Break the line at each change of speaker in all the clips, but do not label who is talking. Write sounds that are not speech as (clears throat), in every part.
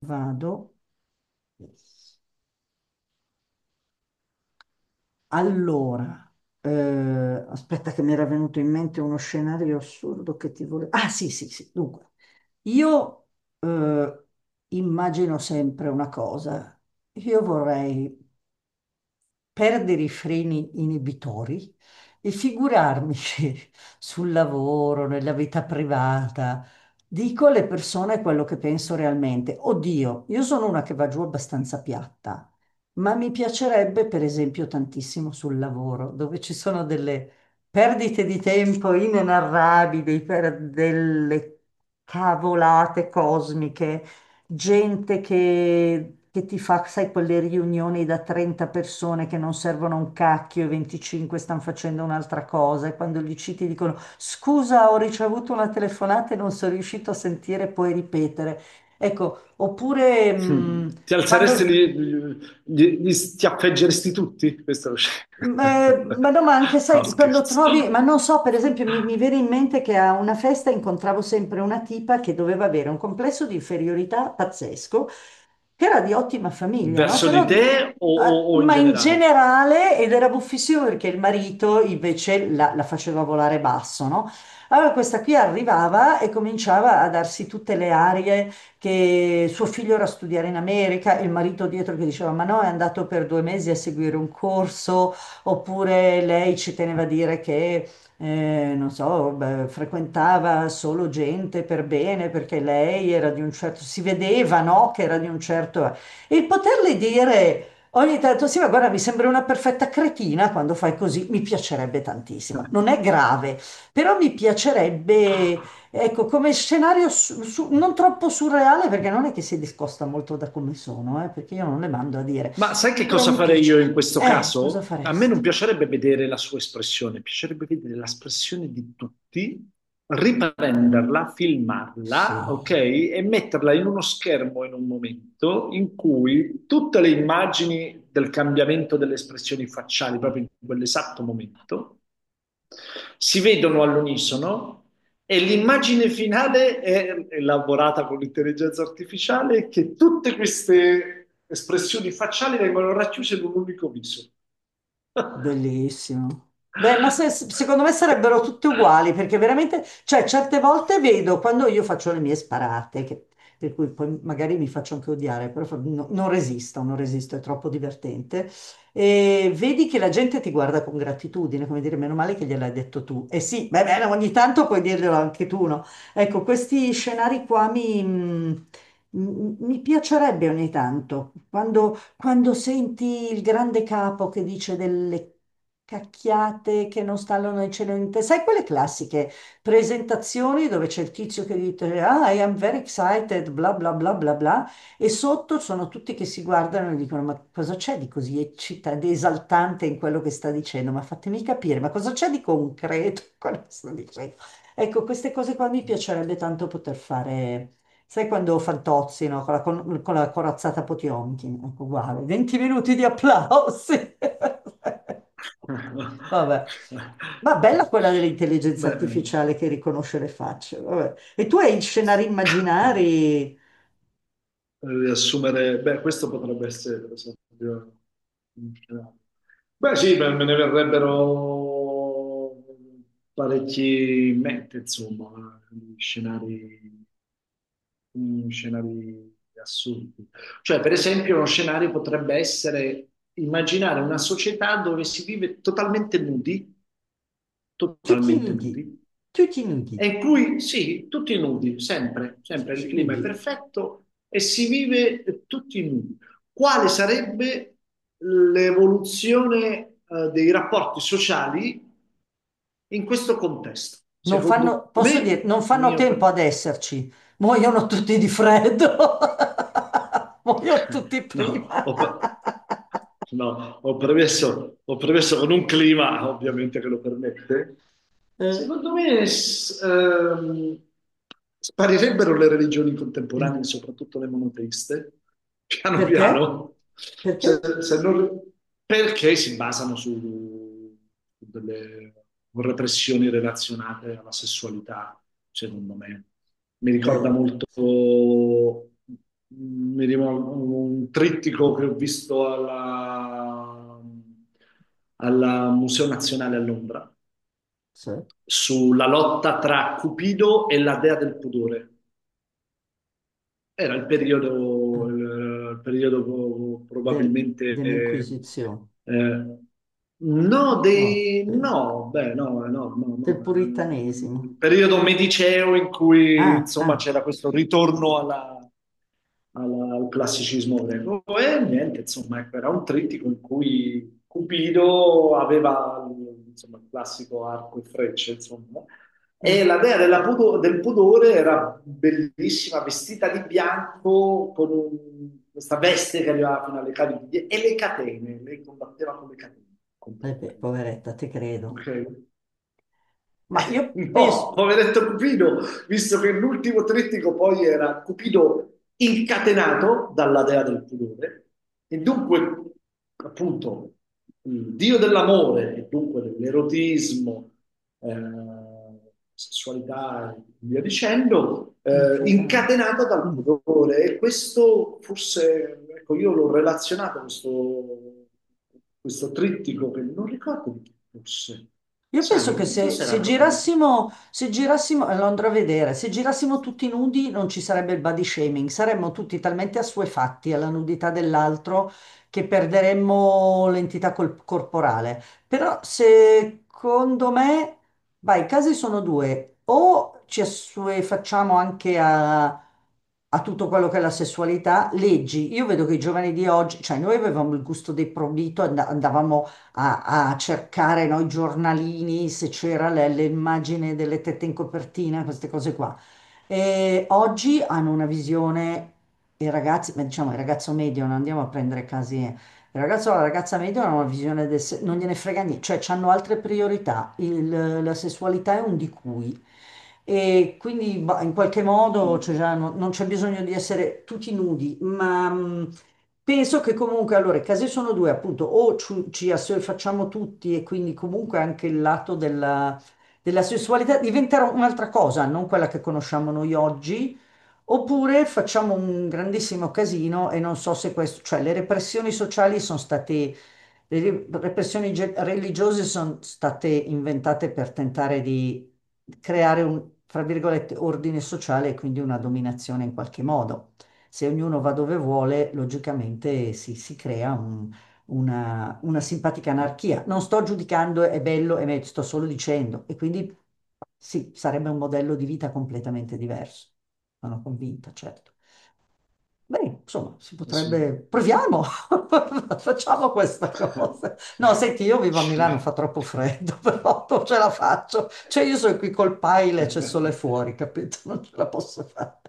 Vado. Allora, aspetta che mi era venuto in mente uno scenario assurdo che ti volevo... Ah, sì, sì, sì. Dunque, io eh, immagino sempre una cosa. Io vorrei perdere i freni inibitori e figurarmi (laughs) se sul lavoro, nella vita privata. Dico alle persone quello che penso realmente. Oddio, io sono una che va giù abbastanza piatta, ma mi piacerebbe, per esempio, tantissimo sul lavoro, dove ci sono delle perdite di tempo inenarrabili per delle cavolate cosmiche, gente che ti fa, sai, quelle riunioni da 30 persone che non servono a un cacchio e 25 stanno facendo un'altra cosa, e quando gli citi dicono: scusa, ho ricevuto una telefonata e non sono riuscito a sentire, puoi ripetere. Ecco, oppure
Mm. Ti alzeresti,
quando...
li, li schiaffeggeresti tutti? Questo è lo
ma no, ma anche,
(laughs) No,
sai, quando trovi,
scherzo.
ma non so, per esempio, mi viene in mente che a una festa incontravo sempre una tipa che doveva avere un complesso di inferiorità pazzesco, era di ottima famiglia, no?
Verso
Però,
di te o,
ma
o in
ma in
generale?
generale, ed era buffissimo perché il marito invece la faceva volare basso, no? Allora questa qui arrivava e cominciava a darsi tutte le arie, che suo figlio era a studiare in America, e il marito dietro che diceva: ma no, è andato per 2 mesi a seguire un corso, oppure lei ci teneva a dire che non so, beh, frequentava solo gente per bene perché lei era di un certo, si vedeva, no, che era di un certo... E poterle dire ogni tanto: sì, ma guarda, mi sembra una perfetta cretina quando fai così, mi piacerebbe tantissimo. Non è
(laughs)
grave, però mi piacerebbe, ecco, come scenario, non troppo surreale perché non è che si discosta molto da come sono, perché io non le mando a dire,
Ma sai che
però
cosa
mi
farei io in
piacerebbe.
questo
Cosa
caso? A me
faresti?
non piacerebbe vedere la sua espressione, piacerebbe vedere l'espressione di tutti, riprenderla, filmarla,
Sì.
ok? E metterla in uno schermo in un momento in cui tutte le immagini del cambiamento delle espressioni facciali, proprio in quell'esatto momento, si vedono all'unisono e l'immagine finale è elaborata con l'intelligenza artificiale che tutte queste espressioni facciali vengono racchiuse in un unico viso.
Bellissimo. Beh, ma secondo me sarebbero tutte
(laughs)
uguali, perché veramente, cioè, certe volte vedo quando io faccio le mie sparate, per cui poi magari mi faccio anche odiare, però non resisto, non resisto, è troppo divertente. E vedi che la gente ti guarda con gratitudine, come dire, meno male che gliel'hai detto tu. E sì, beh, beh, ogni tanto puoi dirglielo anche tu, no? Ecco, questi scenari qua mi, mm, mi mi piacerebbe ogni tanto, quando senti il grande capo che dice delle cacchiate che non stanno nel cielo né in terra, sai, quelle classiche presentazioni dove c'è il tizio che dice: Ah, I am very excited, bla bla bla bla bla, e sotto sono tutti che si guardano e dicono: ma cosa c'è di così eccitante, di esaltante in quello che sta dicendo? Ma fatemi capire, ma cosa c'è di concreto in quello che sta dicendo? Ecco, queste cose qua mi piacerebbe tanto poter fare. Sai quando Fantozzi, no? Con la, con la corazzata Potionkin, ecco, uguale. 20 minuti di applausi. (laughs) Vabbè. Ma bella quella dell'intelligenza
Bene.
artificiale che riconosce le facce. Vabbè. E tu hai scenari immaginari.
Riassumere, beh, questo potrebbe essere per esempio un scenario. Beh, sì, beh, me ne verrebbero parecchi in mente, insomma, scenari, scenari assurdi. Cioè, per esempio, uno scenario potrebbe essere immaginare una società dove si vive
Tutti
totalmente
nudi,
nudi,
tutti nudi,
e qui sì, tutti nudi, sempre, sempre il
tutti
clima è
nudi.
perfetto e si vive tutti nudi. Quale sarebbe l'evoluzione, dei rapporti sociali in questo contesto?
Non
Secondo
fanno, posso dire,
me,
non fanno
mio.
tempo ad esserci. Muoiono tutti di freddo. (laughs) Muoiono tutti
No,
prima.
ho, no, ho premesso con un clima ovviamente che lo permette.
Eh.
Secondo me sparirebbero le religioni contemporanee, soprattutto le monoteiste, piano
Perché?
piano, se-
Perché?
se non- perché si basano su delle repressioni relazionate alla sessualità, secondo me. Mi ricorda
eh,
molto, mi ricordo un trittico che ho visto alla, alla Museo Nazionale a Londra
cioè,
sulla lotta tra Cupido e la dea del pudore. Era
che- eh,
il periodo probabilmente,
dell'Inquisizione,
no,
no,
dei, no, beh, no, no, no,
del
no, il
puritanesimo.
periodo mediceo in cui,
Ah,
insomma,
ah,
c'era questo ritorno alla, al, al classicismo greco e niente, insomma, ecco, era un trittico in cui Cupido aveva, insomma, il classico arco e frecce, insomma, e
eh,
la dea della del pudore era bellissima, vestita di bianco, con questa veste che arrivava fino alle caviglie e le catene, lei combatteva con le catene contro
eh beh,
Cupido.
poveretta, ti credo.
Ok?
Ma io penso,
No, poveretto Cupido, visto che l'ultimo trittico poi era Cupido incatenato dalla dea del pudore, e dunque, appunto, il dio dell'amore, e dunque dell'erotismo, sessualità e via dicendo,
incatenato.
incatenata dal pudore. E questo forse, ecco, io l'ho relazionato a questo, questo trittico che non ricordo di chi fosse.
Io
Sai,
penso che
non so
se,
se era
se
proprio di...
girassimo, se girassimo, lo andrò a vedere, se girassimo tutti nudi non ci sarebbe il body shaming, saremmo tutti talmente assuefatti alla nudità dell'altro che perderemmo l'entità corporale. Però secondo me, vai, i casi sono due: o ci assuefacciamo anche a tutto quello che è la sessualità, leggi, io vedo che i giovani di oggi, cioè, noi avevamo il gusto dei proibito, andavamo a cercare noi giornalini se c'era le immagini delle tette in copertina, queste cose qua. E oggi hanno una visione, i ragazzi, ma diciamo il ragazzo medio, non andiamo a prendere casi, eh. Il ragazzo o la ragazza medio hanno una visione del, non gliene frega niente, cioè hanno altre priorità. La sessualità è un di cui. E quindi bah, in qualche modo, cioè,
Mm,
già non c'è bisogno di essere tutti nudi, ma penso che comunque, allora, i casi sono due, appunto: o ci assuefacciamo tutti e quindi comunque anche il lato della, della sessualità diventerà un'altra cosa, non quella che conosciamo noi oggi, oppure facciamo un grandissimo casino. E non so se questo, cioè, le repressioni sociali sono state, le repressioni religiose sono state inventate per tentare di creare un, fra virgolette, ordine sociale e quindi una dominazione in qualche modo. Se ognuno va dove vuole, logicamente si crea una simpatica anarchia. Non sto giudicando è bello e meglio, sto solo dicendo. E quindi sì, sarebbe un modello di vita completamente diverso. Sono convinta, certo. Beh, insomma, si
sì.
potrebbe... Proviamo! (laughs) Facciamo questa cosa. No, senti, io vivo a Milano, fa
(laughs)
troppo freddo, (laughs) però non ce la faccio. Cioè, io sono qui col paile, c'è sole fuori,
(laughs)
capito? Non ce la posso fare.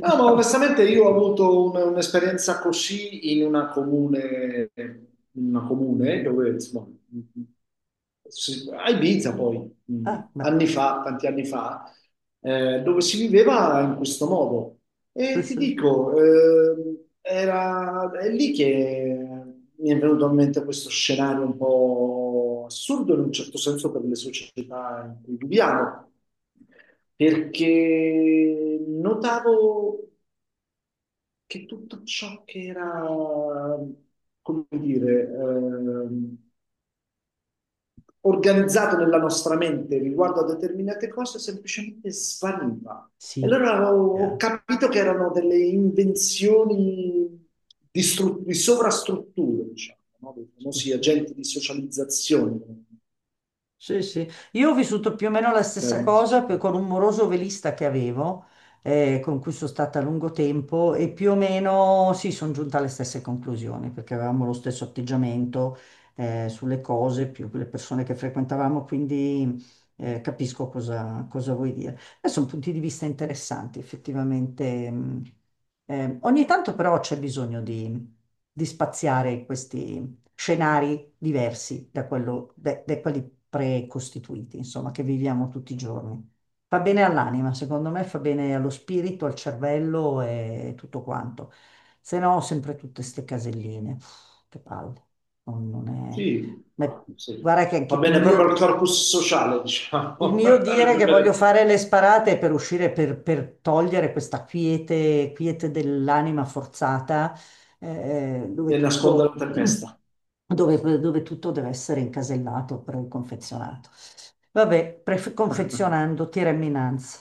No, ma onestamente io ho avuto un'esperienza così in una comune dove, insomma, a Ibiza poi, mh,
Ah, beh,
anni fa, tanti anni fa, dove si viveva in questo modo.
sì,
E ti
sì.
dico, era, è lì che mi è venuto in mente questo scenario un po' assurdo in un certo senso per le società in cui viviamo, perché notavo che tutto ciò che era, come dire, organizzato nella nostra mente riguardo a determinate cose semplicemente spariva. E
Sì,
allora ho
yeah,
capito che erano delle invenzioni di, di sovrastrutture, diciamo, no? Dei
sì,
famosi
sì.
agenti di socializzazione.
Sì, sì, io ho vissuto più o meno la stessa
Termine
cosa con
sociologico.
un moroso velista che avevo, con cui sono stata a lungo tempo e più o meno sì, sono giunta alle stesse conclusioni perché avevamo lo stesso atteggiamento, sulle cose, più le persone che frequentavamo, quindi capisco cosa vuoi dire. Sono punti di vista interessanti, effettivamente. Mh. Ogni tanto però c'è bisogno di, spaziare, scenari diversi da quelli precostituiti, insomma, che viviamo tutti i giorni. Fa bene all'anima, secondo me fa bene allo spirito, al cervello e tutto quanto. Se no, sempre tutte ste caselline. Pff, che palle. Non, non è... ma-
Sì.
Guarda che
Va
anche il
bene
mio
proprio al corpus sociale,
il
diciamo, (laughs)
mio dire
farebbe
che
bene a
voglio
tutti
fare le sparate è per uscire, per togliere questa quiete, quiete dell'anima forzata, dove
e nasconde la
tutto, (clears throat)
tempesta.
dove, dove tutto deve essere incasellato, preconfezionato. Vabbè,
(laughs)
confezionando, tirami innanzi.